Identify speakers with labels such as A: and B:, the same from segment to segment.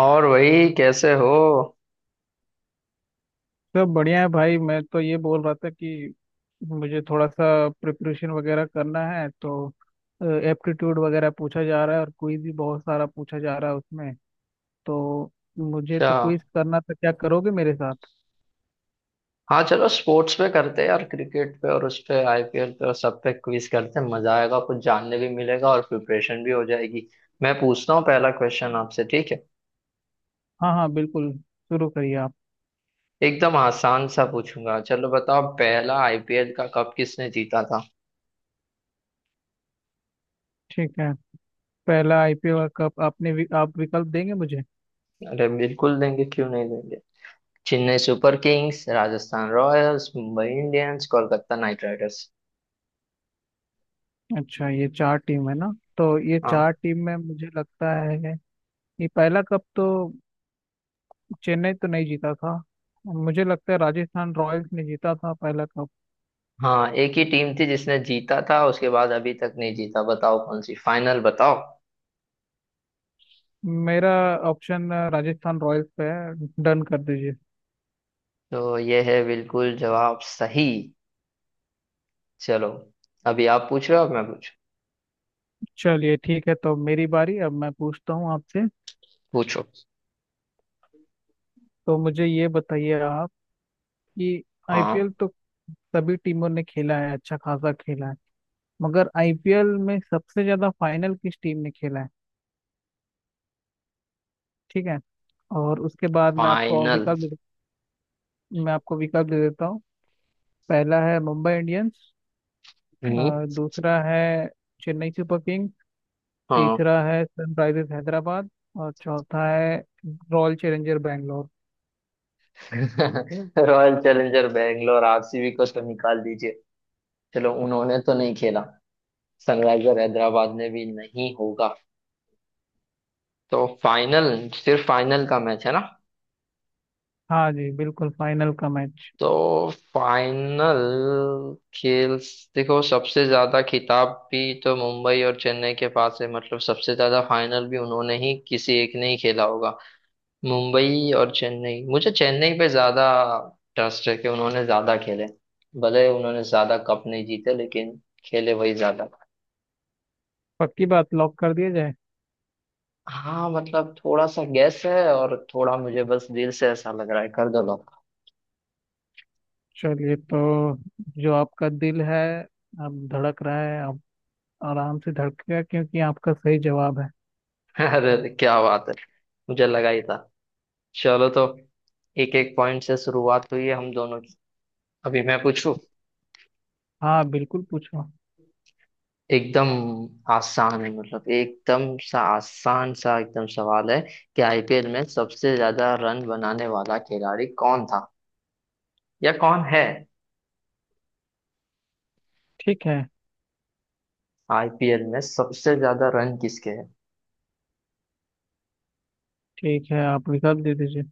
A: और वही कैसे हो।
B: सब बढ़िया है भाई। मैं तो ये बोल रहा था कि मुझे थोड़ा सा प्रिपरेशन वगैरह करना है, तो एप्टीट्यूड वगैरह पूछा जा रहा है और क्विज भी बहुत सारा पूछा जा रहा है उसमें। तो मुझे
A: अच्छा,
B: तो क्विज करना था, क्या करोगे मेरे साथ?
A: हाँ चलो स्पोर्ट्स पे करते हैं यार, क्रिकेट पे और उस पे आईपीएल पे और सब पे क्विज करते हैं, मजा आएगा, कुछ जानने भी मिलेगा और प्रिपरेशन भी हो जाएगी। मैं पूछता हूँ पहला क्वेश्चन आपसे, ठीक है।
B: हाँ हाँ बिल्कुल, शुरू करिए आप।
A: एकदम आसान सा पूछूंगा, चलो बताओ, पहला आईपीएल का कप किसने जीता था।
B: ठीक है, पहला आईपीएल वर्ल्ड कप आपने आप विकल्प देंगे मुझे?
A: अरे बिल्कुल देंगे, क्यों नहीं देंगे। Chennai super Kings, Rajasthan Royals, Mumbai Indians, Kolkata Knight Riders.
B: अच्छा, ये चार टीम है ना। तो ये
A: हाँ।
B: चार टीम में मुझे लगता है ये पहला कप तो चेन्नई तो नहीं जीता था। मुझे लगता है राजस्थान रॉयल्स ने जीता था पहला कप।
A: हाँ, एक ही टीम थी जिसने जीता था, उसके बाद अभी तक नहीं जीता। बताओ कौन सी, फाइनल बताओ।
B: मेरा ऑप्शन राजस्थान रॉयल्स पे है, डन कर दीजिए।
A: तो ये है, बिल्कुल जवाब सही। चलो, अभी आप पूछ रहे हो, अब मैं पूछ।
B: चलिए ठीक है, तो मेरी बारी, अब मैं पूछता हूँ आपसे।
A: पूछो।
B: तो मुझे ये बताइए आप कि
A: हाँ।
B: आईपीएल तो सभी टीमों ने खेला है, अच्छा खासा खेला है। मगर आईपीएल में सबसे ज्यादा फाइनल किस टीम ने खेला है? ठीक है, और उसके बाद
A: फाइनल।
B: मैं आपको विकल्प दे देता हूँ। पहला है मुंबई इंडियंस।
A: हम्म।
B: दूसरा है चेन्नई सुपर किंग्स।
A: हाँ।
B: तीसरा है सनराइजर्स हैदराबाद, और चौथा है Royal Challenger Bangalore.
A: Royal Challenger Bangalore, RCB को तो निकाल दीजिए। चलो उन्होंने तो नहीं खेला। सनराइजर हैदराबाद ने भी नहीं होगा। तो फाइनल, सिर्फ फाइनल का मैच है ना।
B: हाँ जी, बिल्कुल फाइनल का मैच।
A: तो फाइनल, खेल, देखो सबसे ज्यादा खिताब भी तो मुंबई और चेन्नई के पास है, मतलब सबसे ज्यादा फाइनल भी उन्होंने ही, किसी एक ने ही खेला होगा। मुंबई और चेन्नई, मुझे चेन्नई पे ज्यादा ट्रस्ट है कि उन्होंने ज्यादा खेले। भले उन्होंने ज्यादा कप नहीं जीते, लेकिन खेले वही ज्यादा।
B: पक्की बात, लॉक कर दिया जाए।
A: हाँ मतलब थोड़ा सा गैस है और थोड़ा मुझे बस दिल से ऐसा लग रहा है, कर दो लोग।
B: चलिए तो, जो आपका दिल है अब धड़क रहा है, अब आराम से धड़केगा क्योंकि आपका सही जवाब है।
A: अरे क्या बात है, मुझे लगा ही था। चलो तो एक एक पॉइंट से शुरुआत हुई है हम दोनों की। अभी मैं पूछू।
B: हाँ बिल्कुल, पूछो।
A: एकदम आसान है मतलब, एकदम सा आसान सा एकदम सवाल है कि आईपीएल में सबसे ज्यादा रन बनाने वाला खिलाड़ी कौन था, या कौन है।
B: ठीक है।
A: आईपीएल में सबसे ज्यादा रन किसके हैं।
B: ठीक है, आप विकल्प दे दीजिए।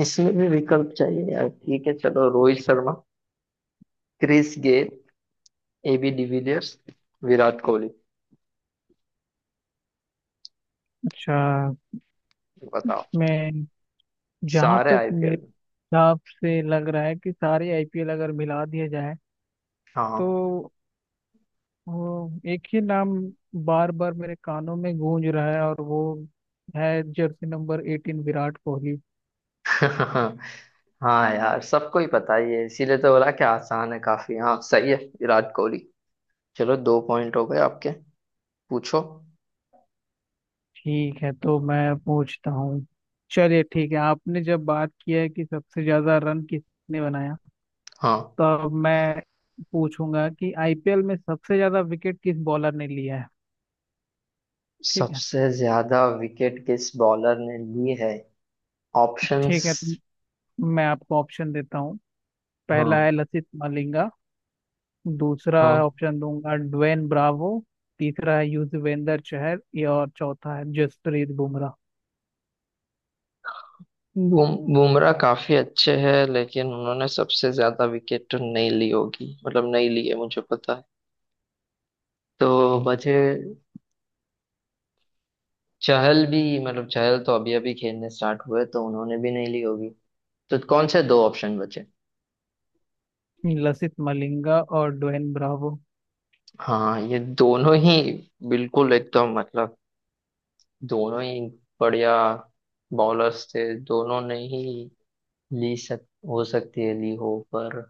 A: इसमें भी विकल्प चाहिए यार, ठीक है चलो, Rohit Sharma, Chris Gayle, AB de Villiers, Virat Kohli.
B: अच्छा,
A: बताओ।
B: मैं जहाँ
A: सारे
B: तक
A: आईपीएल
B: मेरे
A: में।
B: हिसाब से लग रहा है कि सारे आईपीएल अगर मिला दिए जाए, तो
A: हाँ।
B: वो एक ही नाम बार बार मेरे कानों में गूंज रहा है, और वो है जर्सी नंबर 18 विराट कोहली।
A: हाँ यार, सबको ही पता ही है, इसीलिए तो बोला कि आसान है काफी। हाँ सही है, विराट कोहली। चलो दो पॉइंट हो गए आपके। पूछो।
B: ठीक है, तो मैं पूछता हूँ। चलिए ठीक है, आपने जब बात किया है कि सबसे ज्यादा रन किसने बनाया,
A: हाँ।
B: तो अब मैं पूछूंगा कि आईपीएल में सबसे ज्यादा विकेट किस बॉलर ने लिया है? ठीक है।
A: सबसे ज्यादा विकेट किस बॉलर ने ली है। ऑप्शंस।
B: ठीक है, तो मैं आपको ऑप्शन देता हूँ।
A: हाँ।
B: पहला है लसित मलिंगा। दूसरा
A: हाँ।
B: ऑप्शन दूंगा ड्वेन ब्रावो। तीसरा है युजवेंद्र चहल ये, और चौथा है जसप्रीत बुमराह।
A: बुमराह काफी अच्छे हैं, लेकिन उन्होंने सबसे ज्यादा विकेट तो नहीं ली होगी, मतलब नहीं ली है, मुझे पता है। तो बचे, चहल भी, मतलब चहल तो अभी अभी खेलने स्टार्ट हुए तो उन्होंने भी नहीं ली होगी। तो कौन से दो ऑप्शन बचे।
B: लसित मलिंगा और ड्वेन ब्रावो।
A: हाँ ये दोनों ही, बिल्कुल एकदम, मतलब दोनों ही बढ़िया बॉलर्स थे, दोनों ने ही ली सक हो सकती है, ली हो, पर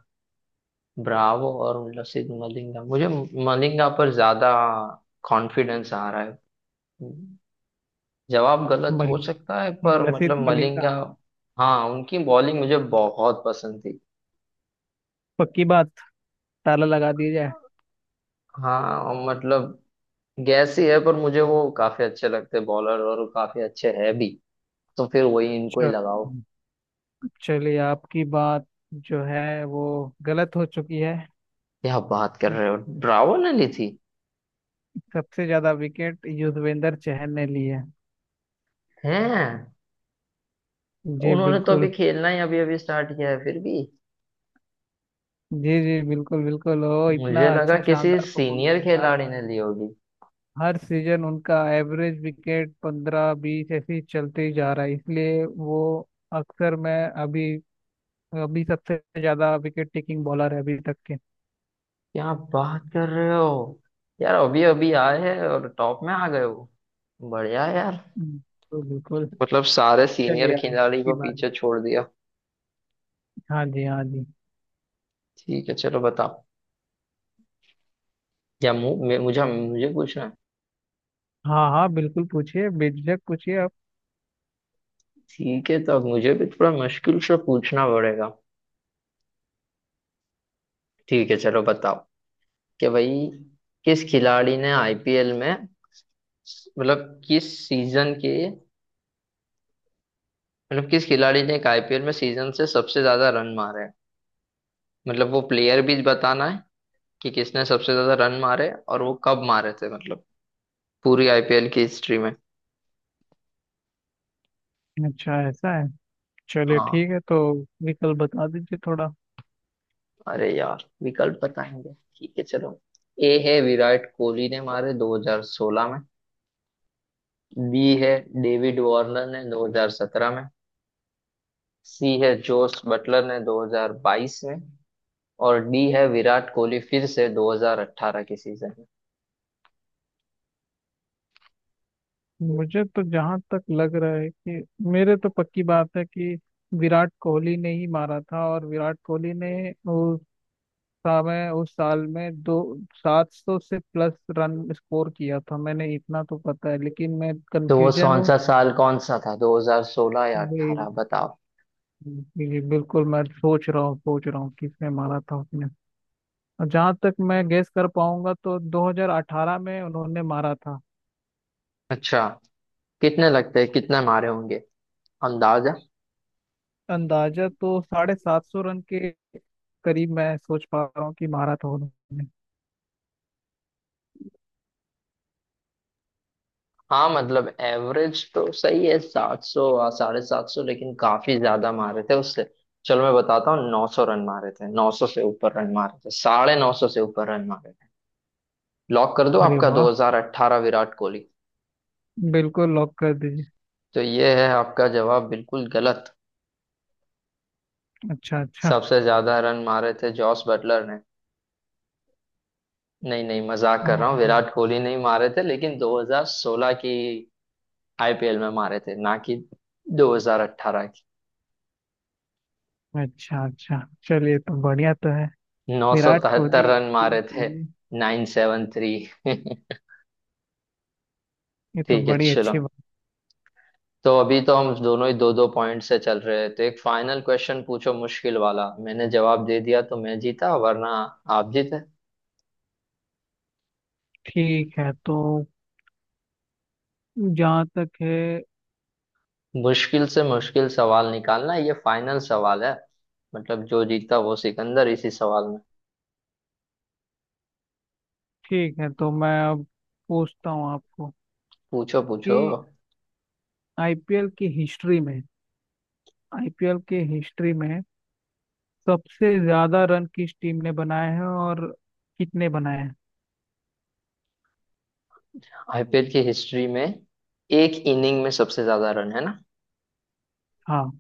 A: ब्रावो और लसित मलिंगा, मुझे मलिंगा पर ज्यादा कॉन्फिडेंस आ रहा है। जवाब गलत हो
B: मलिंग
A: सकता है पर,
B: लसित
A: मतलब
B: मलिंगा।
A: मलिंगा। हाँ उनकी बॉलिंग मुझे बहुत पसंद थी।
B: पक्की बात, ताला लगा दिया जाए।
A: हाँ और मतलब गैस ही है, पर मुझे वो काफी अच्छे लगते बॉलर और वो काफी अच्छे है भी, तो फिर वही, इनको ही
B: चल
A: लगाओ।
B: चलिए, आपकी बात जो है वो गलत हो चुकी है।
A: क्या बात कर रहे हो, ब्रावो ने ली थी?
B: सबसे ज्यादा विकेट युजवेंद्र चहल ने लिए हैं।
A: हैं?
B: जी
A: उन्होंने तो अभी
B: बिल्कुल।
A: खेलना ही अभी अभी स्टार्ट किया है, फिर भी।
B: जी जी, बिल्कुल बिल्कुल ओ। इतना
A: मुझे लगा
B: अच्छा
A: किसी
B: शानदार परफॉर्मेंस,
A: सीनियर खिलाड़ी ने ली होगी।
B: हर सीजन उनका एवरेज विकेट 15-20 ऐसे ही चलते ही जा रहा है, इसलिए वो अक्सर, मैं अभी अभी सबसे ज्यादा विकेट टेकिंग बॉलर है अभी तक के।
A: क्या बात कर रहे हो यार, अभी अभी आए हैं और टॉप में आ गए हो, बढ़िया है यार।
B: हम्म, तो बिल्कुल।
A: मतलब सारे सीनियर
B: चलिए, अब
A: खिलाड़ी
B: की
A: को
B: बारी।
A: पीछे छोड़ दिया।
B: हाँ जी हाँ जी।
A: ठीक है चलो बताओ, या मु, मे- मुझे मुझे पूछना है?
B: हाँ हाँ बिल्कुल, पूछिए बेझिझक, पूछिए आप।
A: ठीक है तो अब मुझे भी थोड़ा मुश्किल से पूछना पड़ेगा। ठीक है चलो बताओ कि भाई, किस खिलाड़ी ने आईपीएल में, मतलब किस सीजन के, मतलब किस खिलाड़ी ने एक आईपीएल में सीजन से सबसे ज्यादा रन मारे हैं। मतलब वो प्लेयर भी बताना है कि किसने सबसे ज्यादा रन मारे और वो कब मारे थे, मतलब पूरी आईपीएल की हिस्ट्री में।
B: अच्छा ऐसा है। चलिए
A: हाँ।
B: ठीक है, तो विकल्प बता दीजिए थोड़ा।
A: अरे यार विकल्प बताएंगे, ठीक है चलो। ए है विराट कोहली ने मारे 2016 में। बी है डेविड वार्नर ने 2017 में। सी है जोस बटलर ने 2022 में। और डी है विराट कोहली फिर से 2018 के सीजन में।
B: मुझे तो जहाँ तक लग रहा है कि, मेरे तो पक्की बात है कि विराट कोहली ने ही मारा था, और विराट कोहली ने था, मैं उस साल में दो 700 से प्लस रन स्कोर किया था मैंने, इतना तो पता है लेकिन मैं
A: तो वो
B: कंफ्यूजन
A: कौन
B: हूँ।
A: सा साल, कौन सा था, 2016 या 18
B: ये-
A: बताओ।
B: ये बिल्कुल, मैं सोच रहा हूँ किसने मारा था उसने, और जहाँ तक मैं गेस कर पाऊंगा तो 2018 में उन्होंने मारा था।
A: अच्छा, कितने लगते हैं, कितने मारे होंगे अंदाजा।
B: अंदाजा तो 750 रन के करीब मैं सोच पा रहा हूँ कि मारा था उन्होंने।
A: हाँ मतलब एवरेज तो सही है, 700, 750, लेकिन काफी ज्यादा मारे थे उससे। चलो मैं बताता हूँ, 900 रन मारे थे, 900 से ऊपर रन मारे थे, 950 से ऊपर रन मारे थे। लॉक कर दो
B: अरे
A: आपका,
B: वाह,
A: 2018 विराट कोहली।
B: बिल्कुल लॉक कर दीजिए।
A: तो ये है आपका जवाब, बिल्कुल गलत।
B: अच्छा अच्छा।
A: सबसे ज्यादा रन मारे थे जॉस बटलर ने। नहीं नहीं, मजाक
B: हाँ
A: कर रहा हूँ,
B: हाँ।
A: विराट कोहली, नहीं मारे थे लेकिन 2016 की आईपीएल में मारे थे, ना कि 2018 की।
B: अच्छा अच्छा। चलिए, तो बढ़िया तो है। विराट
A: 973
B: कोहली,
A: रन
B: ठीक
A: मारे थे।
B: कोहली।
A: 973।
B: ये तो
A: ठीक है
B: बड़ी
A: चलो,
B: अच्छी बात।
A: तो अभी तो हम दोनों ही दो दो पॉइंट से चल रहे हैं, तो एक फाइनल क्वेश्चन पूछो, मुश्किल वाला, मैंने जवाब दे दिया तो मैं जीता, वरना आप जीते।
B: ठीक है, तो जहाँ तक है।
A: मुश्किल से मुश्किल सवाल निकालना, ये फाइनल सवाल है, मतलब जो जीता वो सिकंदर इसी सवाल।
B: ठीक है, तो मैं अब पूछता हूँ आपको
A: पूछो पूछो।
B: कि आईपीएल की हिस्ट्री में, आईपीएल की हिस्ट्री में सबसे ज्यादा रन किस टीम ने बनाए हैं, और कितने बनाए हैं?
A: आईपीएल की हिस्ट्री में एक इनिंग में सबसे ज्यादा रन, है ना।
B: हाँ।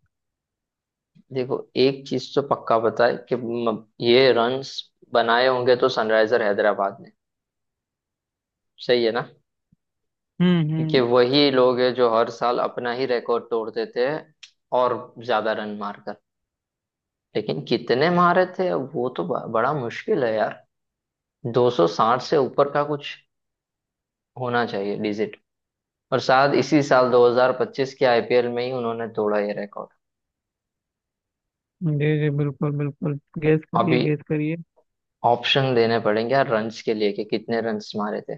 A: देखो, एक चीज तो पक्का पता है कि ये रन्स बनाए होंगे तो सनराइजर हैदराबाद ने। सही है ना। क्योंकि
B: हम्म।
A: वही लोग हैं जो हर साल अपना ही रिकॉर्ड तोड़ देते हैं, और ज्यादा रन मारकर। लेकिन कितने मारे थे वो तो बड़ा मुश्किल है यार। 260 से ऊपर का कुछ होना चाहिए डिजिट। और शायद इसी साल 2025 के आईपीएल में ही उन्होंने तोड़ा ये रिकॉर्ड।
B: जी जी, बिल्कुल बिल्कुल, गेस करिए
A: अभी
B: गेस करिए।
A: ऑप्शन देने पड़ेंगे यार, रन्स के लिए कि कितने रन्स मारे थे।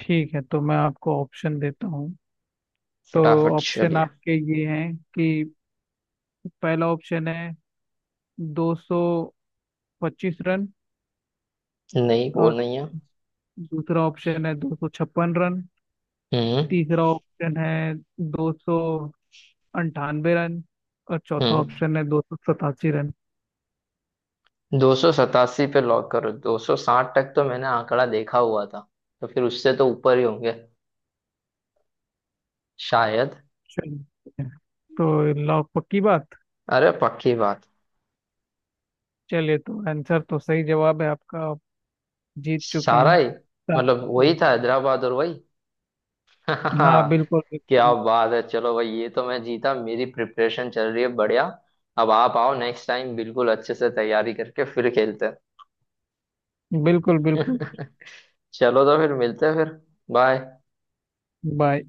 B: ठीक है, तो मैं आपको ऑप्शन देता हूँ। तो
A: फटाफट
B: ऑप्शन
A: चलिए।
B: आपके ये हैं कि पहला ऑप्शन है 225 रन,
A: नहीं वो
B: और
A: नहीं है।
B: दूसरा ऑप्शन है 256 रन।
A: हम्म।
B: तीसरा ऑप्शन है 298 रन, और चौथा
A: हम्म।
B: ऑप्शन है 287 रन।
A: 287 पे लॉक करो, 260 तक तो मैंने आंकड़ा देखा हुआ था, तो फिर उससे तो ऊपर ही होंगे शायद।
B: चलिए तो, लॉक पक्की बात।
A: अरे पक्की बात।
B: चलिए, तो आंसर तो सही जवाब है, आपका आप जीत चुके
A: सारा
B: हैं।
A: ही, मतलब वही
B: सात-
A: था हैदराबाद, और वही।
B: हाँ बिल्कुल
A: क्या
B: बिल्कुल,
A: बात है, चलो भाई, ये तो मैं जीता, मेरी प्रिपरेशन चल रही है बढ़िया। अब आप आओ नेक्स्ट टाइम बिल्कुल अच्छे से तैयारी करके, फिर खेलते
B: बिल्कुल बिल्कुल,
A: हैं। चलो तो फिर मिलते हैं फिर। बाय।
B: बाय।